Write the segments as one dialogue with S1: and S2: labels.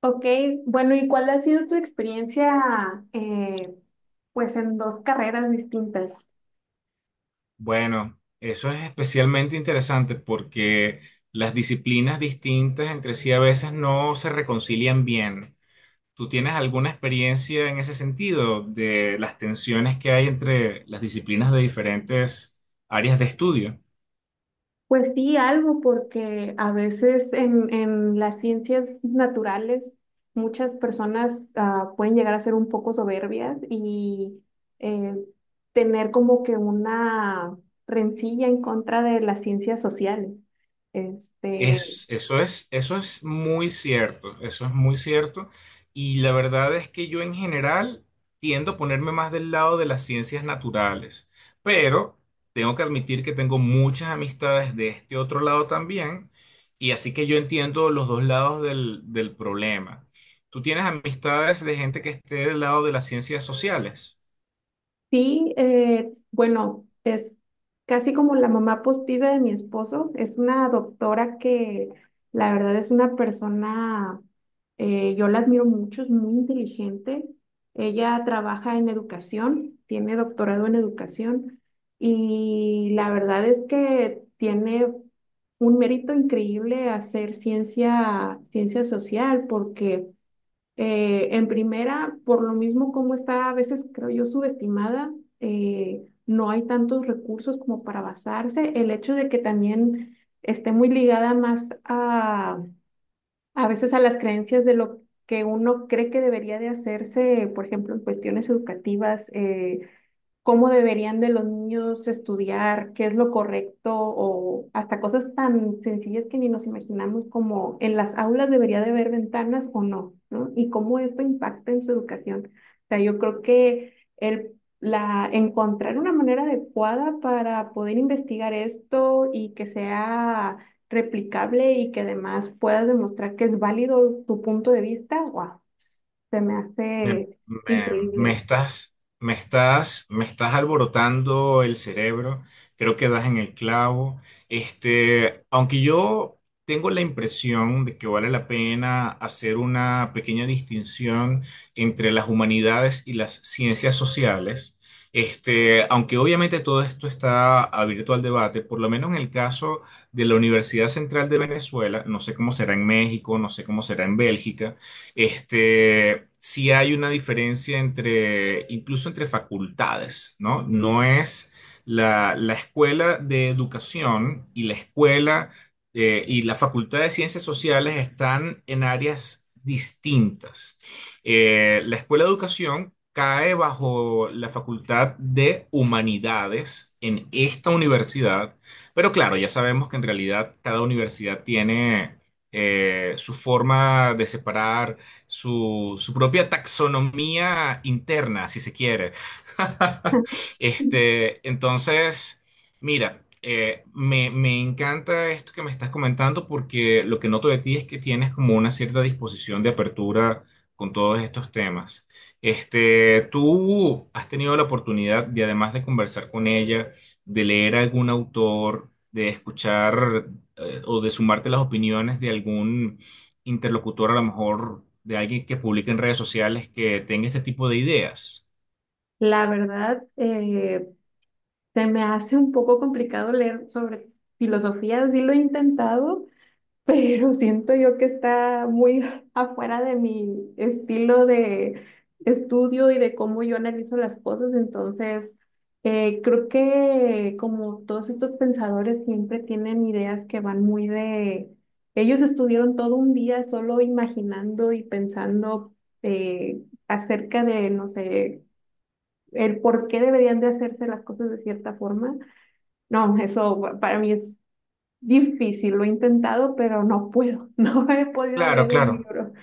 S1: Ok, bueno, ¿y cuál ha sido tu experiencia, eh, pues, en dos carreras distintas?
S2: Bueno, eso es especialmente interesante porque las disciplinas distintas entre sí a veces no se reconcilian bien. ¿Tú tienes alguna experiencia en ese sentido de las tensiones que hay entre las disciplinas de diferentes áreas de estudio?
S1: Pues sí, algo, porque a veces en las ciencias naturales muchas personas pueden llegar a ser un poco soberbias y eh, tener como que una rencilla en contra de las ciencias sociales. Este,
S2: Eso es muy cierto, eso es muy cierto. Y la verdad es que yo en general tiendo a ponerme más del lado de las ciencias naturales, pero tengo que admitir que tengo muchas amistades de este otro lado también, y así que yo entiendo los dos lados del problema. ¿Tú tienes amistades de gente que esté del lado de las ciencias sociales?
S1: Sí, bueno, es casi como la mamá postida de mi esposo. Es una doctora que la verdad es una persona, yo la admiro mucho, es muy inteligente. Ella trabaja en educación, tiene doctorado en educación y la verdad es que tiene un mérito increíble hacer ciencia, ciencia social porque… en primera, por lo mismo como está a veces, creo yo, subestimada, no hay tantos recursos como para basarse. El hecho de que también esté muy ligada más a veces a las creencias de lo que uno cree que debería de hacerse, por ejemplo, en cuestiones educativas, cómo deberían de los niños estudiar, qué es lo correcto, o hasta cosas tan sencillas que ni nos imaginamos, como en las aulas debería de haber ventanas o no, ¿no? Y cómo esto impacta en su educación. O sea, yo creo que encontrar una manera adecuada para poder investigar esto y que sea replicable y que además puedas demostrar que es válido tu punto de vista, wow, se me
S2: Me,
S1: hace
S2: me- me
S1: increíble.
S2: estás, me estás alborotando el cerebro. Creo que das en el clavo. Aunque yo tengo la impresión de que vale la pena hacer una pequeña distinción entre las humanidades y las ciencias sociales. Aunque obviamente todo esto está abierto al debate, por lo menos en el caso de la Universidad Central de Venezuela, no sé cómo será en México, no sé cómo será en Bélgica. Sí hay una diferencia entre, incluso entre facultades, ¿no? No es la escuela de educación y la escuela y la facultad de ciencias sociales están en áreas distintas. La escuela de educación cae bajo la facultad de humanidades en esta universidad, pero claro, ya sabemos que en realidad cada universidad tiene su forma de separar su propia taxonomía interna, si se quiere. Este, entonces, mira, me encanta esto que me estás comentando porque lo que noto de ti es que tienes como una cierta disposición de apertura con todos estos temas. ¿Tú has tenido la oportunidad de, además de conversar con ella, de leer algún autor, de escuchar o de sumarte las opiniones de algún interlocutor a lo mejor de alguien que publique en redes sociales que tenga este tipo de ideas?
S1: La verdad, se me hace un poco complicado leer sobre filosofía, sí lo he intentado, pero siento yo que está muy afuera de mi estilo de estudio y de cómo yo analizo las cosas. Entonces, creo que como todos estos pensadores siempre tienen ideas que van muy de… Ellos estuvieron todo un día solo imaginando y pensando eh, acerca de, no sé, el por qué deberían de hacerse las cosas de cierta forma. No, eso para mí es difícil, lo he intentado, pero no puedo, no he podido
S2: Claro,
S1: leer un
S2: claro.
S1: libro.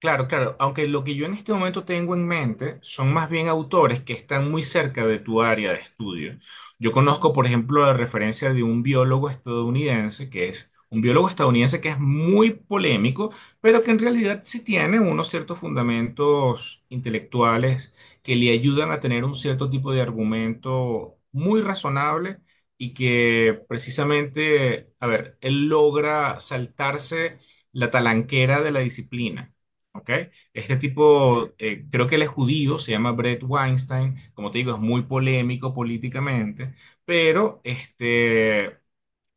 S2: Claro, claro, aunque lo que yo en este momento tengo en mente son más bien autores que están muy cerca de tu área de estudio. Yo conozco, por ejemplo, la referencia de un biólogo estadounidense que es un biólogo estadounidense que es muy polémico, pero que en realidad sí tiene unos ciertos fundamentos intelectuales que le ayudan a tener un cierto tipo de argumento muy razonable y que precisamente, a ver, él logra saltarse la talanquera de la disciplina. ¿Ok? Este tipo, creo que él es judío, se llama Brett Weinstein, como te digo, es muy polémico políticamente, pero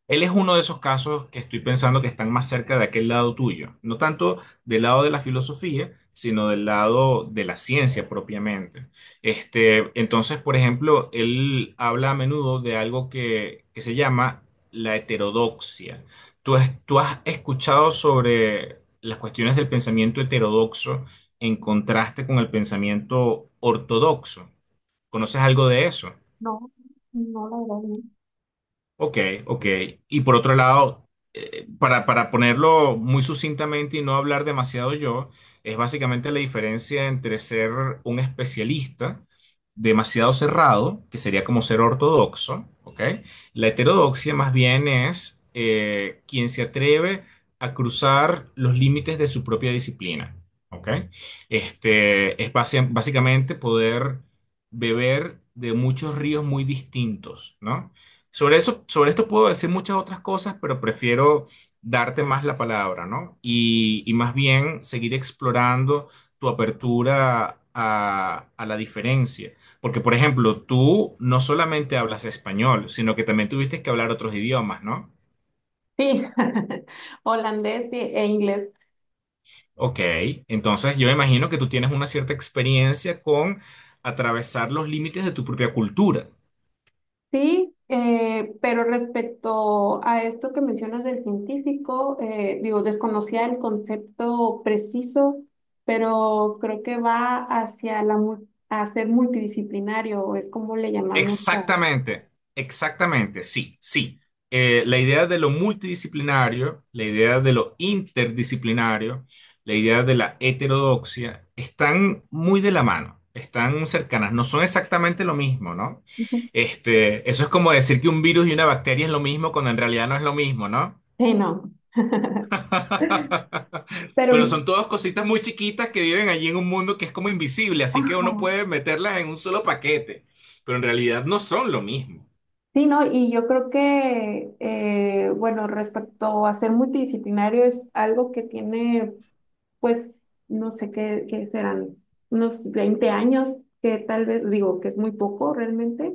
S2: él es uno de esos casos que estoy pensando que están más cerca de aquel lado tuyo, no tanto del lado de la filosofía, sino del lado de la ciencia propiamente. Por ejemplo, él habla a menudo de algo que se llama la heterodoxia. ¿ Tú has escuchado sobre las cuestiones del pensamiento heterodoxo en contraste con el pensamiento ortodoxo? ¿Conoces algo de eso?
S1: No, no, la verdad, no.
S2: Ok, ok. Y por otro lado, para ponerlo muy sucintamente y no hablar demasiado yo, es básicamente la diferencia entre ser un especialista demasiado cerrado, que sería como ser ortodoxo, ¿ok? La heterodoxia más bien es quien se atreve a cruzar los límites de su propia disciplina, ¿ok? Básicamente poder beber de muchos ríos muy distintos, ¿no? Sobre eso, sobre esto puedo decir muchas otras cosas, pero prefiero darte más la palabra, ¿no? Y más bien seguir explorando tu apertura a la diferencia. Porque, por ejemplo, tú no solamente hablas español, sino que también tuviste que hablar otros idiomas, ¿no?
S1: Sí, holandés e inglés.
S2: Ok, entonces yo me imagino que tú tienes una cierta experiencia con atravesar los límites de tu propia cultura.
S1: Sí, pero respecto a esto que mencionas del científico, digo, desconocía el concepto preciso, pero creo que va hacia a ser multidisciplinario, es como le llamamos a…
S2: Exactamente, exactamente, sí, sí. La idea de lo multidisciplinario, la idea de lo interdisciplinario, la idea de la heterodoxia, están muy de la mano, están cercanas, no son exactamente lo mismo, ¿no? Eso es como decir que un virus y una bacteria es lo mismo cuando en realidad no es lo mismo, ¿no?
S1: Sí, no.
S2: Pero
S1: Pero,
S2: son todas cositas muy chiquitas que viven allí en un mundo que es como invisible, así que
S1: ajá,
S2: uno puede meterlas en un solo paquete, pero en realidad no son lo mismo.
S1: sí, ¿no? Y yo creo que, bueno, respecto a ser multidisciplinario es algo que tiene, pues, no sé qué serán, unos 20 años, que tal vez, digo, que es muy poco realmente,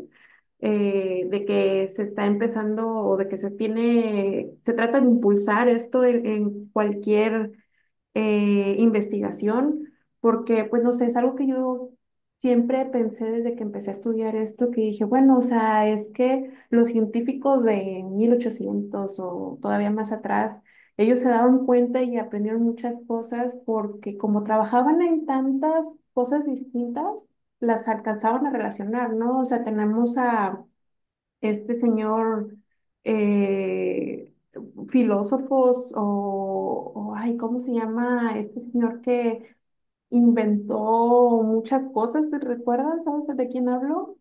S1: de que se está empezando o de que se tiene, se trata de impulsar esto en cualquier investigación, porque pues no sé, es algo que yo siempre pensé desde que empecé a estudiar esto, que dije, bueno, o sea, es que los científicos de 1800 o todavía más atrás, ellos se daban cuenta y aprendieron muchas cosas porque como trabajaban en tantas cosas distintas, las alcanzaban a relacionar, ¿no? O sea, tenemos a este señor, eh, filósofos ay, ¿cómo se llama? Este señor que inventó muchas cosas, ¿te recuerdas? ¿Sabes de quién hablo?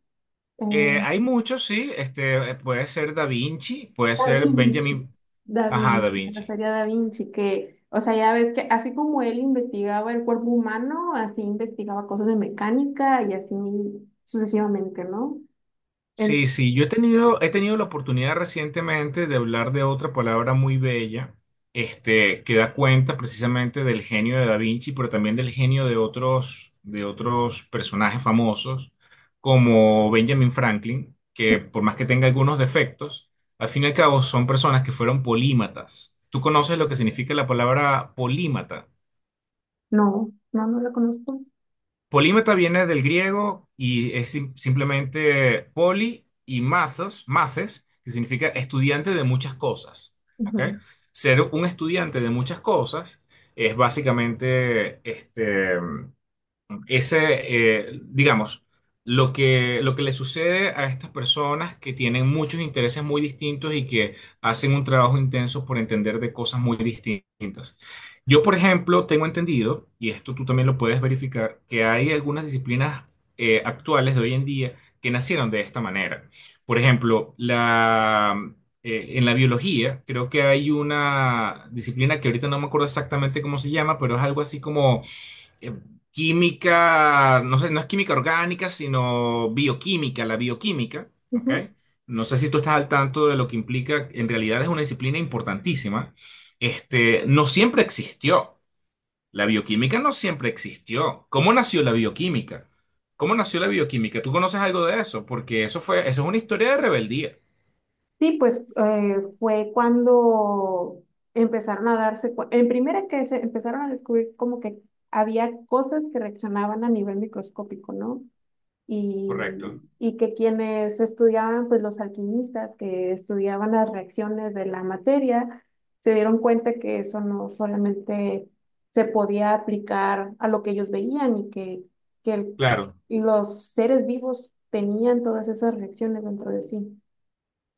S1: Eh,
S2: Hay muchos, sí. Puede ser Da Vinci, puede
S1: Da
S2: ser
S1: Vinci.
S2: Benjamin.
S1: Da
S2: Ajá, Da
S1: Vinci, me
S2: Vinci.
S1: refería a Da Vinci, que, o sea, ya ves que así como él investigaba el cuerpo humano, así investigaba cosas de mecánica y así sucesivamente, ¿no?
S2: Sí,
S1: En-
S2: sí. Yo he tenido la oportunidad recientemente de hablar de otra palabra muy bella, que da cuenta precisamente del genio de Da Vinci, pero también del genio de otros personajes famosos, como Benjamin Franklin, que por más que tenga algunos defectos, al fin y al cabo son personas que fueron polímatas. ¿Tú conoces lo que significa la palabra polímata?
S1: no, no, no la conozco.
S2: Polímata viene del griego y es simplemente poli y mazos, maces, que significa estudiante de muchas cosas. ¿Ok?
S1: Ujú,
S2: Ser un estudiante de muchas cosas es básicamente digamos, lo que le sucede a estas personas que tienen muchos intereses muy distintos y que hacen un trabajo intenso por entender de cosas muy distintas. Yo, por ejemplo, tengo entendido, y esto tú también lo puedes verificar, que hay algunas disciplinas actuales de hoy en día que nacieron de esta manera. Por ejemplo, en la biología, creo que hay una disciplina que ahorita no me acuerdo exactamente cómo se llama, pero es algo así como eh, química, no sé, no es química orgánica, sino bioquímica, la bioquímica, ¿ok?
S1: ujú.
S2: No sé si tú estás al tanto de lo que implica, en realidad es una disciplina importantísima. No siempre existió. La bioquímica no siempre existió. ¿Cómo nació la bioquímica? ¿Cómo nació la bioquímica? ¿Tú conoces algo de eso? Porque eso fue, eso es una historia de rebeldía.
S1: Sí, pues fue cuando empezaron a darse, en primera que se empezaron a descubrir como que había cosas que reaccionaban a nivel microscópico, ¿no? Y,
S2: Correcto.
S1: y que quienes estudiaban, pues los alquimistas que estudiaban las reacciones de la materia, se dieron cuenta que eso no solamente se podía aplicar a lo que ellos veían y que, que el-
S2: Claro,
S1: y los seres vivos tenían todas esas reacciones dentro de sí.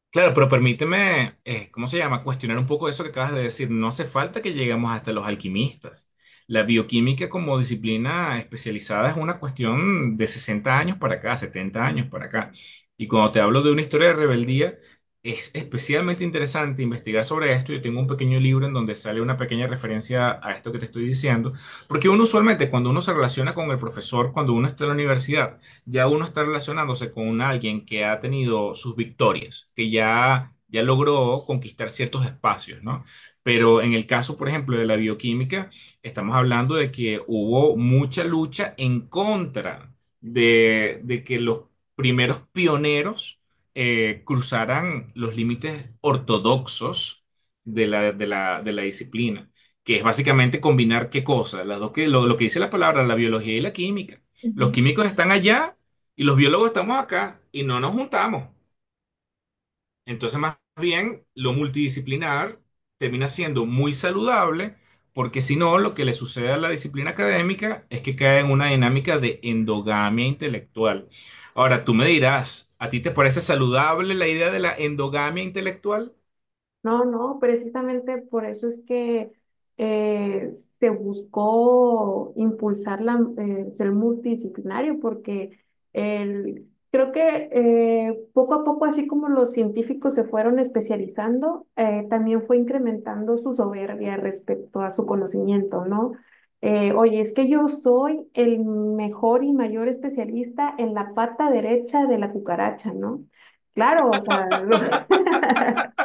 S2: claro, pero permíteme, ¿cómo se llama? Cuestionar un poco eso que acabas de decir. No hace falta que lleguemos hasta los alquimistas. La bioquímica como disciplina especializada es una cuestión de 60 años para acá, 70 años para acá. Y cuando te hablo de una historia de rebeldía, es especialmente interesante investigar sobre esto. Yo tengo un pequeño libro en donde sale una pequeña referencia a esto que te estoy diciendo, porque uno usualmente cuando uno se relaciona con el profesor, cuando uno está en la universidad, ya uno está relacionándose con alguien que ha tenido sus victorias, que ya, ya logró conquistar ciertos espacios, ¿no? Pero en el caso, por ejemplo, de la bioquímica, estamos hablando de que hubo mucha lucha en contra de que los primeros pioneros cruzaran los límites ortodoxos de de la disciplina, que es básicamente combinar qué cosas las dos lo que dice la palabra, la biología y la química. Los químicos están allá y los biólogos estamos acá y no nos juntamos. Entonces, más bien, lo multidisciplinar termina siendo muy saludable, porque si no, lo que le sucede a la disciplina académica es que cae en una dinámica de endogamia intelectual. Ahora, tú me dirás, ¿a ti te parece saludable la idea de la endogamia intelectual?
S1: No, no, precisamente por eso es que eh, se buscó impulsar ser multidisciplinario, porque el, creo que poco a poco, así como los científicos se fueron especializando, también fue incrementando su soberbia respecto a su conocimiento, ¿no? Oye, es que yo soy el mejor y mayor especialista en la pata derecha de la cucaracha, ¿no? Claro, o sea, lo…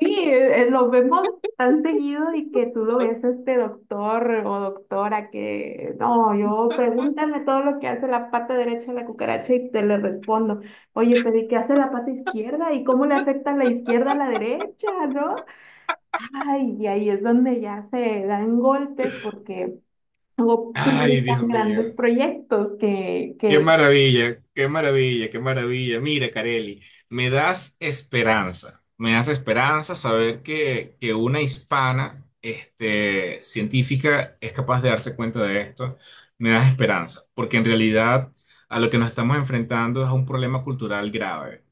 S1: Sí, lo vemos tan seguido y que tú lo ves a este doctor o doctora que, no, yo pregúntame todo lo que hace la pata derecha de la cucaracha y te le respondo, oye, pero ¿y qué hace la pata izquierda? ¿Y cómo le afecta la izquierda a la derecha? ¿No? Ay, y ahí es donde ya se dan golpes porque luego
S2: Ay, Dios
S1: publican grandes
S2: mío.
S1: proyectos
S2: Qué maravilla, qué maravilla, qué maravilla. Mira, Careli, me das esperanza saber que una hispana, científica es capaz de darse cuenta de esto. Me das esperanza, porque en realidad a lo que nos estamos enfrentando es a un problema cultural grave.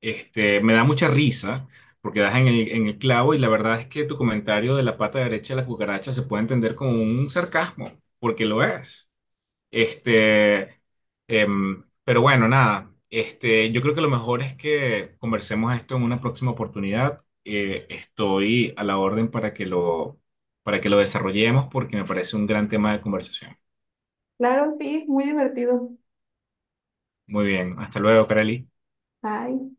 S2: Me da mucha risa, porque das en en el clavo y la verdad es que tu comentario de la pata derecha de la cucaracha se puede entender como un sarcasmo, porque lo es. Este, pero bueno, nada. Yo creo que lo mejor es que conversemos esto en una próxima oportunidad. Estoy a la orden para que lo desarrollemos porque me parece un gran tema de conversación.
S1: claro, sí, es muy divertido.
S2: Muy bien, hasta luego, Kareli.
S1: Ay.